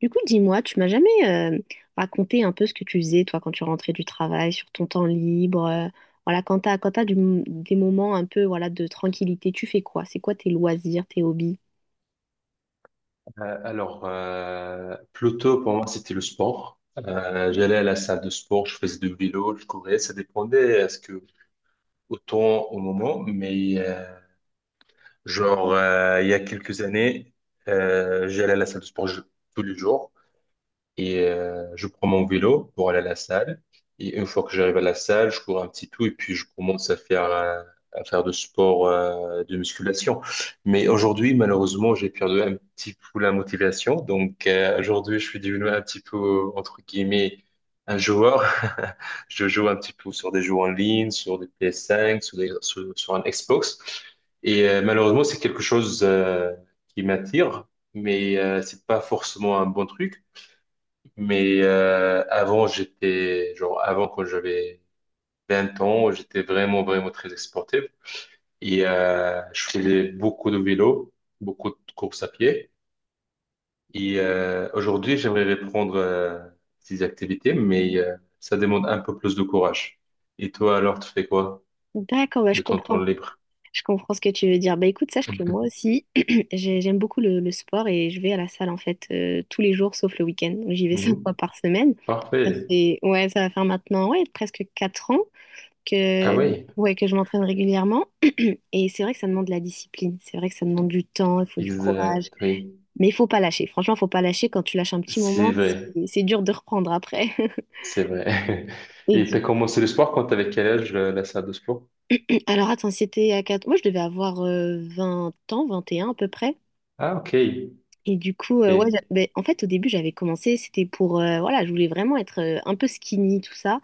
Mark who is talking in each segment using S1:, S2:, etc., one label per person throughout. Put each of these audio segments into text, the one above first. S1: Du coup, dis-moi, tu m'as jamais raconté un peu ce que tu faisais, toi, quand tu rentrais du travail, sur ton temps libre, voilà, quand t'as des moments un peu, voilà, de tranquillité, tu fais quoi? C'est quoi tes loisirs, tes hobbies?
S2: Alors, plutôt pour moi, c'était le sport. J'allais à la salle de sport, je faisais du vélo, je courais, ça dépendait à ce que autant au moment, mais genre il y a quelques années, j'allais à la salle de sport tous les jours. Et je prends mon vélo pour aller à la salle. Et une fois que j'arrive à la salle, je cours un petit tout et puis je commence à faire de sport, de musculation. Mais aujourd'hui, malheureusement, j'ai perdu un petit peu la motivation. Donc aujourd'hui, je suis devenu un petit peu, entre guillemets, un joueur. Je joue un petit peu sur des jeux en ligne, sur des PS5, sur un Xbox. Et malheureusement, c'est quelque chose qui m'attire, mais c'est pas forcément un bon truc. Mais avant quand j'avais 20 ans, j'étais vraiment, vraiment très sportif. Et je faisais beaucoup de vélo, beaucoup de courses à pied. Et aujourd'hui, j'aimerais reprendre ces activités, mais ça demande un peu plus de courage. Et toi, alors, tu fais quoi
S1: D'accord, bah, je
S2: de ton temps
S1: comprends.
S2: libre?
S1: Je comprends ce que tu veux dire. Bah écoute, sache que moi aussi, j'aime beaucoup le sport et je vais à la salle en fait tous les jours sauf le week-end. Donc, j'y vais cinq fois
S2: Mhm.
S1: par semaine. Ça
S2: Parfait.
S1: fait, ouais, ça va faire maintenant ouais, presque quatre ans
S2: Ah
S1: que,
S2: oui,
S1: ouais, que je m'entraîne régulièrement. Et c'est vrai que ça demande de la discipline, c'est vrai que ça demande du temps, il faut du courage,
S2: exact, oui.
S1: mais il faut pas lâcher. Franchement, il faut pas lâcher. Quand tu lâches un petit moment,
S2: C'est vrai,
S1: c'est dur de reprendre après.
S2: c'est vrai.
S1: Et
S2: Et tu as commencé le sport quand tu avais quel âge, la salle de sport?
S1: alors attends, si c'était à 4. Moi, je devais avoir 20 ans, 21 à peu près.
S2: Ah, ok.
S1: Et du coup, ouais,
S2: Ok.
S1: ben, en fait, au début, j'avais commencé, c'était pour, voilà, je voulais vraiment être un peu skinny, tout ça.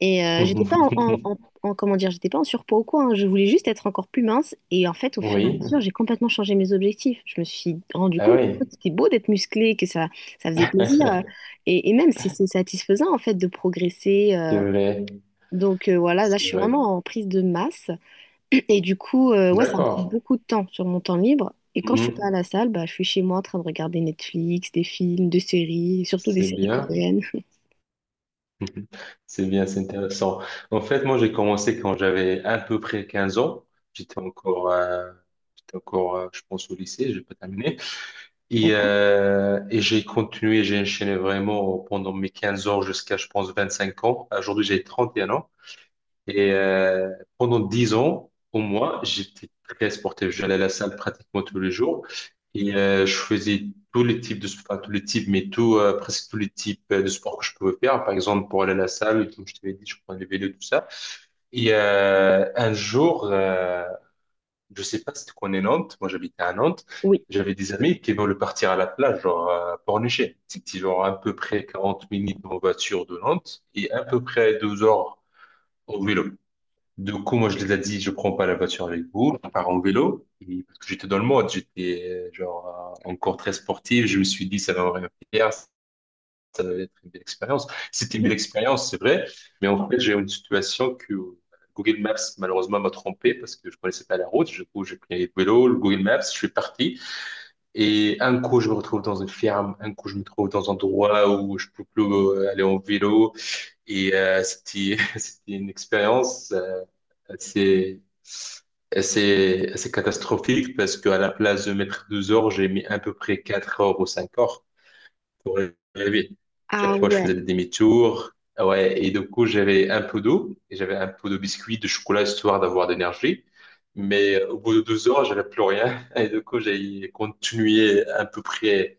S1: Et j'étais pas comment dire, j'étais pas en surpoids ou quoi, hein. Je voulais juste être encore plus mince. Et en fait, au fur et à
S2: Oui,
S1: mesure, j'ai complètement changé mes objectifs. Je me suis rendu
S2: ah
S1: compte que
S2: oui,
S1: c'était beau d'être musclé, que ça faisait plaisir. Et même, c'est satisfaisant en fait de progresser.
S2: c'est vrai,
S1: Donc voilà, là, je
S2: c'est
S1: suis
S2: vrai.
S1: vraiment en prise de masse. Et du coup, ouais, ça me prend
S2: D'accord.
S1: beaucoup de temps sur mon temps libre. Et quand je suis pas à
S2: Mhm.
S1: la salle, bah, je suis chez moi en train de regarder Netflix, des films, des séries, surtout des
S2: C'est
S1: séries
S2: bien.
S1: coréennes.
S2: Mhm. C'est bien, c'est intéressant. En fait, moi, j'ai commencé quand j'avais à peu près 15 ans. J'étais encore, euh, j'étais encore, je pense, au lycée, j'ai pas terminé. Et,
S1: D'accord?
S2: euh, et j'ai continué, j'ai enchaîné vraiment pendant mes 15 ans jusqu'à, je pense, 25 ans. Aujourd'hui, j'ai 31 ans. Et pendant 10 ans, au moins, j'étais très sportif. J'allais à la salle pratiquement tous les jours et je faisais tous les types de sport, tous les types, mais presque tous les types de sport que je pouvais faire. Par exemple, pour aller à la salle, comme je t'avais dit, je prenais le vélo, tout ça. Et un jour, je sais pas si tu connais Nantes, moi j'habitais à Nantes,
S1: Oui.
S2: j'avais des amis qui voulaient partir à la plage, genre Pornichet. C'était genre à peu près 40 minutes en voiture de Nantes et à peu près 2 heures au vélo. Du coup, moi, je les ai dit, je prends pas la voiture avec vous, je pars en vélo. Et parce que j'étais dans le mode, j'étais genre encore très sportif. Je me suis dit, ça va être une belle expérience. C'était une belle
S1: Mhm.
S2: expérience, c'est vrai. Mais en fait, j'ai eu une situation que Google Maps, malheureusement, m'a trompé parce que je connaissais pas la route. Du coup, j'ai pris le vélo, le Google Maps, je suis parti. Et un coup, je me retrouve dans une ferme. Un coup, je me trouve dans un endroit où je peux plus aller en vélo. Et c'était c'était une expérience assez, assez, assez catastrophique parce qu'à la place de mettre 12 heures, j'ai mis à peu près 4 heures ou 5 heures pour y arriver.
S1: Ah
S2: Chaque fois, je
S1: ouais.
S2: faisais des demi-tours. Ah ouais, et du coup, j'avais un peu d'eau et j'avais un peu de biscuits, de chocolat, histoire d'avoir de l'énergie. Mais au bout de 12 heures, j'avais plus rien. Et du coup, j'ai continué à peu près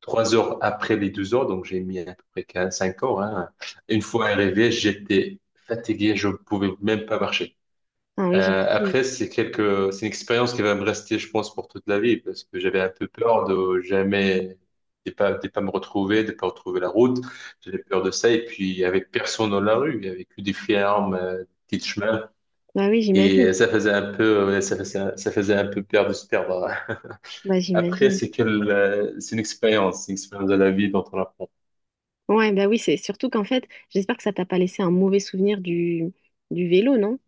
S2: 3 heures après les 12 heures, donc j'ai mis à peu près 15, 5 heures. Hein. Une fois arrivé, j'étais fatigué, je pouvais même pas marcher.
S1: Ah oui, j'imagine.
S2: Après, c'est une expérience qui va me rester, je pense, pour toute la vie, parce que j'avais un peu peur de jamais, de pas me retrouver, de pas retrouver la route. J'avais peur de ça, et puis il y avait personne dans la rue, il y avait que des fermes, des petits chemins,
S1: Bah oui, j'imagine.
S2: et ça faisait un peu, ouais, ça faisait un peu peur de se perdre.
S1: Bah
S2: Après,
S1: j'imagine.
S2: c'est une expérience de la vie dont on apprend.
S1: Ouais, bah oui, c'est surtout qu'en fait, j'espère que ça t'a pas laissé un mauvais souvenir du vélo, non?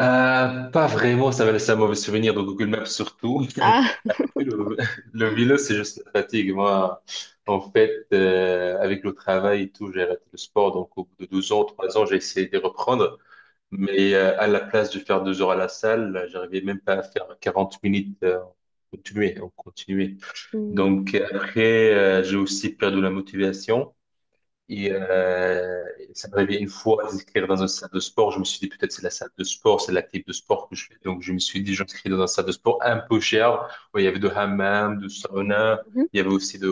S2: Pas vraiment, ça m'a laissé un mauvais souvenir de Google Maps surtout.
S1: Ah!
S2: Le, le vélo, c'est juste la fatigue. Moi, en fait, avec le travail et tout, j'ai arrêté le sport. Donc, au bout de 12 ans, 3 ans, j'ai essayé de reprendre. Mais à la place de faire 2 heures à la salle, j'arrivais même pas à faire 40 minutes en continuer.
S1: Mhm.
S2: Donc, après, j'ai aussi perdu la motivation. Et ça m'est arrivé une fois d'inscrire dans une salle de sport. Je me suis dit, peut-être c'est la salle de sport, c'est l'activité de sport que je fais. Donc, je me suis dit, j'inscris dans une salle de sport un peu chère, où il y avait de hammam, de sauna. Il y avait aussi de,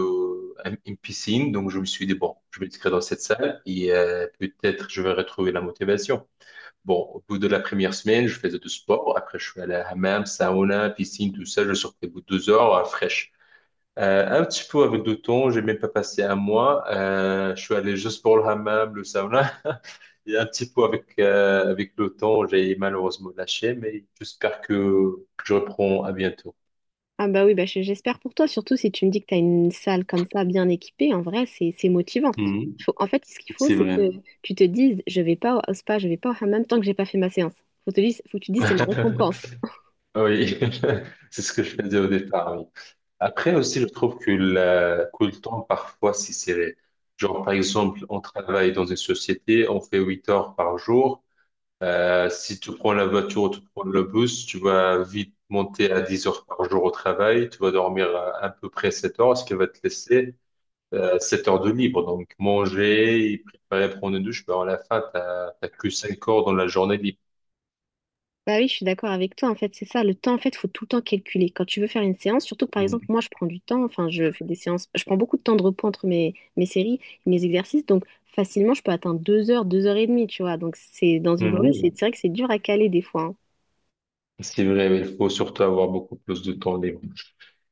S2: une piscine. Donc, je me suis dit, bon, je vais m'inscrire dans cette salle et peut-être je vais retrouver la motivation. Bon, au bout de la première semaine, je faisais du sport. Après, je suis allé à hammam, sauna, piscine, tout ça. Je sortais au bout de 2 heures, fraîche. Un petit peu avec le temps, j'ai même pas passé un mois. Je suis allé juste pour le hammam, le sauna. Et un petit peu avec le temps, j'ai malheureusement lâché, mais j'espère que je reprends à bientôt.
S1: Ah bah oui, j'espère pour toi, surtout si tu me dis que tu as une salle comme ça bien équipée, en vrai, c'est motivant.
S2: Mhm.
S1: En fait, ce qu'il faut,
S2: C'est
S1: c'est
S2: vrai.
S1: que tu te dises, je vais pas au spa, je vais pas au hammam tant que j'ai pas fait ma séance. Faut que tu te dises, c'est ma récompense.
S2: Oui, c'est ce que je faisais au départ. Oui. Après aussi, je trouve que, que le temps parfois si serré. Genre, par exemple, on travaille dans une société, on fait 8 heures par jour. Si tu prends la voiture ou tu prends le bus, tu vas vite monter à 10 heures par jour au travail, tu vas dormir à peu près 7 heures, ce qui va te laisser 7 heures de libre. Donc manger, préparer, prendre une douche, ben à la fin, t'as que 5 heures dans la journée libre.
S1: Bah oui, je suis d'accord avec toi. En fait, c'est ça. Le temps, en fait, faut tout le temps calculer. Quand tu veux faire une séance, surtout que par exemple,
S2: Mhm.
S1: moi, je prends du temps. Enfin, je fais des séances. Je prends beaucoup de temps de repos entre mes séries et mes exercices. Donc, facilement, je peux atteindre deux heures et demie, tu vois. Donc, c'est dans une journée, c'est
S2: Mhm.
S1: c'est vrai que c'est dur à caler des fois, hein.
S2: C'est vrai, mais il faut surtout avoir beaucoup plus de temps libre.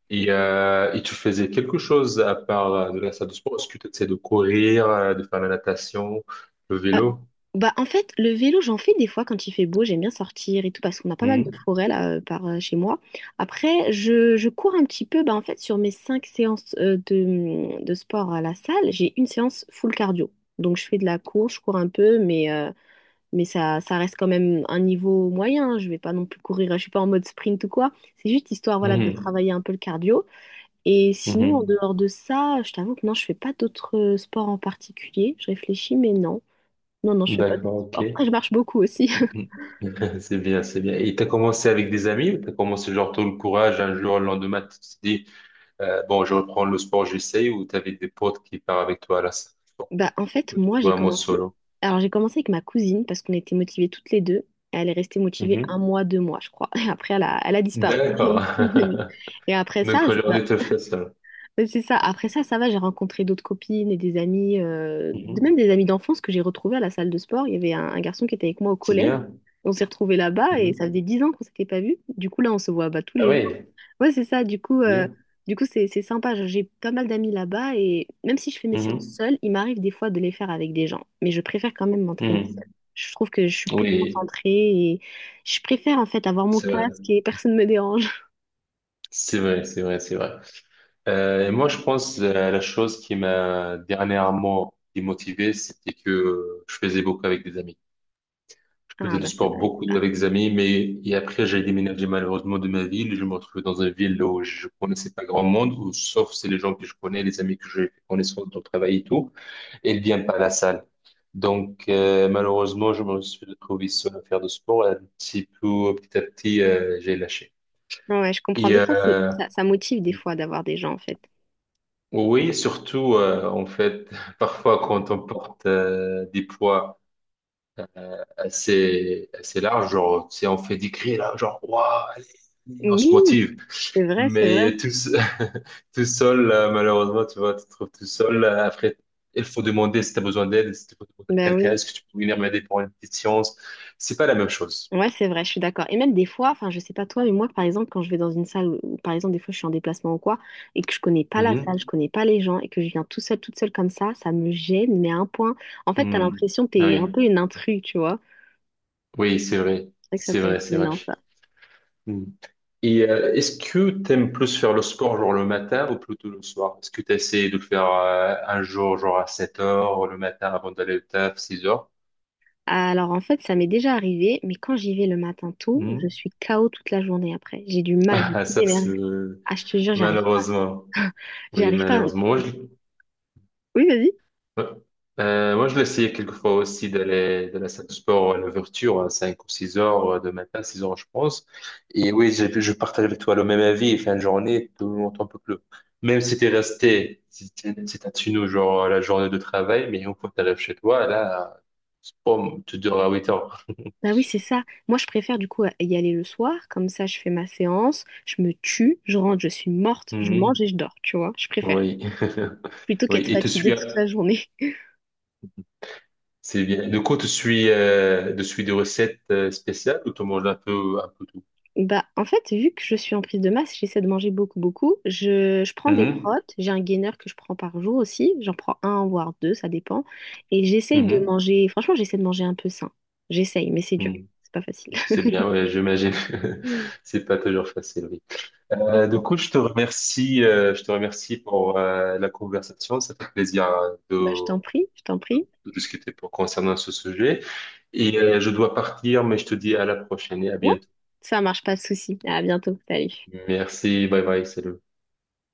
S2: Et tu faisais quelque chose à part de la salle de sport? Est-ce que tu essaies de courir, de faire la natation, le
S1: Euh,
S2: vélo?
S1: bah, en fait, le vélo, j'en fais des fois quand il fait beau, j'aime bien sortir et tout, parce qu'on a pas mal de
S2: Mhm.
S1: forêts là, par, chez moi. Après, je cours un petit peu, bah, en fait, sur mes cinq séances de sport à la salle, j'ai une séance full cardio. Donc, je fais de la course, je cours un peu, mais, ça, ça reste quand même un niveau moyen, hein. Je vais pas non plus courir, je suis pas en mode sprint ou quoi. C'est juste histoire, voilà, de
S2: Mhm.
S1: travailler un peu le cardio. Et sinon, en
S2: Mhm.
S1: dehors de ça, je t'avoue que non, je fais pas d'autres sports en particulier. Je réfléchis, mais non. Non, non, je fais pas de
S2: D'accord, ok.
S1: sport. Après, je marche beaucoup aussi.
S2: C'est bien, c'est bien. Et t'as commencé avec des amis ou t'as commencé genre tout le courage un jour, le lendemain, tu te dis, bon, je reprends le sport, j'essaye, ou t'avais des potes qui partent avec toi à la salle,
S1: Bah, en fait,
S2: ou tu
S1: moi, j'ai
S2: vois un mode
S1: commencé.
S2: solo.
S1: Alors, j'ai commencé avec ma cousine parce qu'on était motivées toutes les deux. Elle est restée motivée un
S2: Mhm.
S1: mois, deux mois, je crois. Et après, elle a disparu. Elle
S2: D'accord.
S1: est plus venue. Et après ça,
S2: Donc aujourd'hui, tu le fais seul.
S1: mais c'est ça. Après ça, ça va, j'ai rencontré d'autres copines et des amis, même
S2: Mhm.
S1: des amis d'enfance que j'ai retrouvés à la salle de sport. Il y avait un garçon qui était avec moi au
S2: C'est
S1: collège.
S2: bien.
S1: On s'est retrouvés là-bas et ça
S2: Mhm.
S1: faisait dix ans qu'on s'était pas vus. Du coup, là, on se voit bah, tous
S2: Ah
S1: les jours.
S2: oui,
S1: Ouais, c'est ça.
S2: bien.
S1: Du coup, c'est sympa. Genre, j'ai pas mal d'amis là-bas et même si je fais mes séances
S2: Mhm.
S1: seule, il m'arrive des fois de les faire avec des gens. Mais je préfère quand même m'entraîner seule.
S2: Mhm.
S1: Je trouve que je suis plus
S2: Oui,
S1: concentrée et je préfère en fait avoir mon
S2: c'est vrai.
S1: casque et personne ne me dérange.
S2: C'est vrai, c'est vrai, c'est vrai. Et moi, je pense la chose qui m'a dernièrement démotivé, c'était que je faisais beaucoup avec des amis. Je
S1: Ah
S2: faisais du
S1: bah ça
S2: sport
S1: doit être
S2: beaucoup
S1: ça.
S2: avec des amis, mais et après, j'ai déménagé malheureusement de ma ville. Je me retrouvais dans une ville où je connaissais pas grand monde, où, sauf c'est les gens que je connais, les amis que j'ai fait connaissance dans le travail et tout, et ils viennent pas à la salle. Donc, malheureusement, je me suis retrouvé seul à faire du sport. Et un petit peu, petit à petit, j'ai lâché.
S1: Ouais, je comprends.
S2: Et
S1: Des fois, ça motive des fois d'avoir des gens, en fait.
S2: oui, surtout en fait, parfois quand on porte des poids assez assez larges, genre tu sais, on fait des cris là, genre waouh, allez, allez, on se
S1: Oui,
S2: motive.
S1: c'est vrai, c'est vrai.
S2: Mais tout seul, malheureusement, tu vois, tu te trouves tout seul. Après, il faut demander si tu as besoin d'aide, si tu peux demander à
S1: Ben
S2: quelqu'un,
S1: oui.
S2: est-ce que tu peux venir m'aider pour une petite séance? C'est pas la même chose.
S1: Ouais, c'est vrai, je suis d'accord. Et même des fois, enfin, je sais pas toi, mais moi, par exemple, quand je vais dans une salle, où, par exemple, des fois, je suis en déplacement ou quoi, et que je connais pas la salle,
S2: Mhm.
S1: je connais pas les gens, et que je viens tout seul, toute seule comme ça me gêne, mais à un point. En fait, t'as
S2: Mhm.
S1: l'impression que
S2: Ah
S1: t'es un peu
S2: oui,
S1: une intrus, tu vois.
S2: oui, c'est vrai,
S1: C'est vrai que ça
S2: c'est
S1: peut
S2: vrai,
S1: être
S2: c'est vrai.
S1: gênant, ça.
S2: Mmh. Et est-ce que t'aimes plus faire le sport genre le matin ou plutôt le soir? Est-ce que tu essaies de le faire un jour genre à 7 heures le matin avant d'aller au taf, 6 heures?
S1: Alors, en fait, ça m'est déjà arrivé, mais quand j'y vais le matin tôt,
S2: Hmm.
S1: je suis KO toute la journée après. J'ai du mal, j'ai
S2: Ah,
S1: des
S2: ça c'est
S1: énergies. Ah, je te jure, j'arrive pas.
S2: malheureusement. Oui,
S1: J'arrive pas.
S2: malheureusement.
S1: Oui, vas-y.
S2: Ouais. Moi, je l'essayais quelquefois aussi d'aller de la salle de sport à l'ouverture, à 5 ou 6 heures de matin, 6 heures, je pense. Et oui, j'ai je partage avec toi le même avis. Fin de journée, tout le monde un peu plus. Même si t'es resté, si t'es si t'as tenu au genre la journée de travail, mais une fois que t'arrives chez toi, là, boum, tu dors à 8 heures.
S1: Bah oui, c'est ça. Moi, je préfère du coup y aller le soir, comme ça je fais ma séance, je me tue, je rentre, je suis morte, je mange
S2: Mhm.
S1: et je dors, tu vois. Je préfère,
S2: Oui.
S1: plutôt
S2: Oui.
S1: qu'être fatiguée toute la journée.
S2: C'est bien. Du coup, tu suis des recettes spéciales ou tu manges un peu tout?
S1: Bah en fait, vu que je suis en prise de masse, j'essaie de manger beaucoup, beaucoup. Je prends des protes, j'ai un gainer que je prends par jour aussi, j'en prends un, voire deux, ça dépend. Et j'essaye de
S2: Mhm.
S1: manger, franchement, j'essaie de manger un peu sain. J'essaye, mais c'est dur,
S2: Mhm.
S1: c'est pas facile.
S2: C'est bien, ouais, j'imagine. C'est pas toujours facile, oui. Du
S1: Bon,
S2: coup, je te remercie pour la conversation. Ça fait plaisir hein,
S1: bah je t'en prie, je t'en prie.
S2: de discuter concernant ce sujet. Et je dois partir, mais je te dis à la prochaine et à
S1: Ouais,
S2: bientôt.
S1: ça marche, pas de souci. À bientôt, salut.
S2: Merci, bye bye, salut.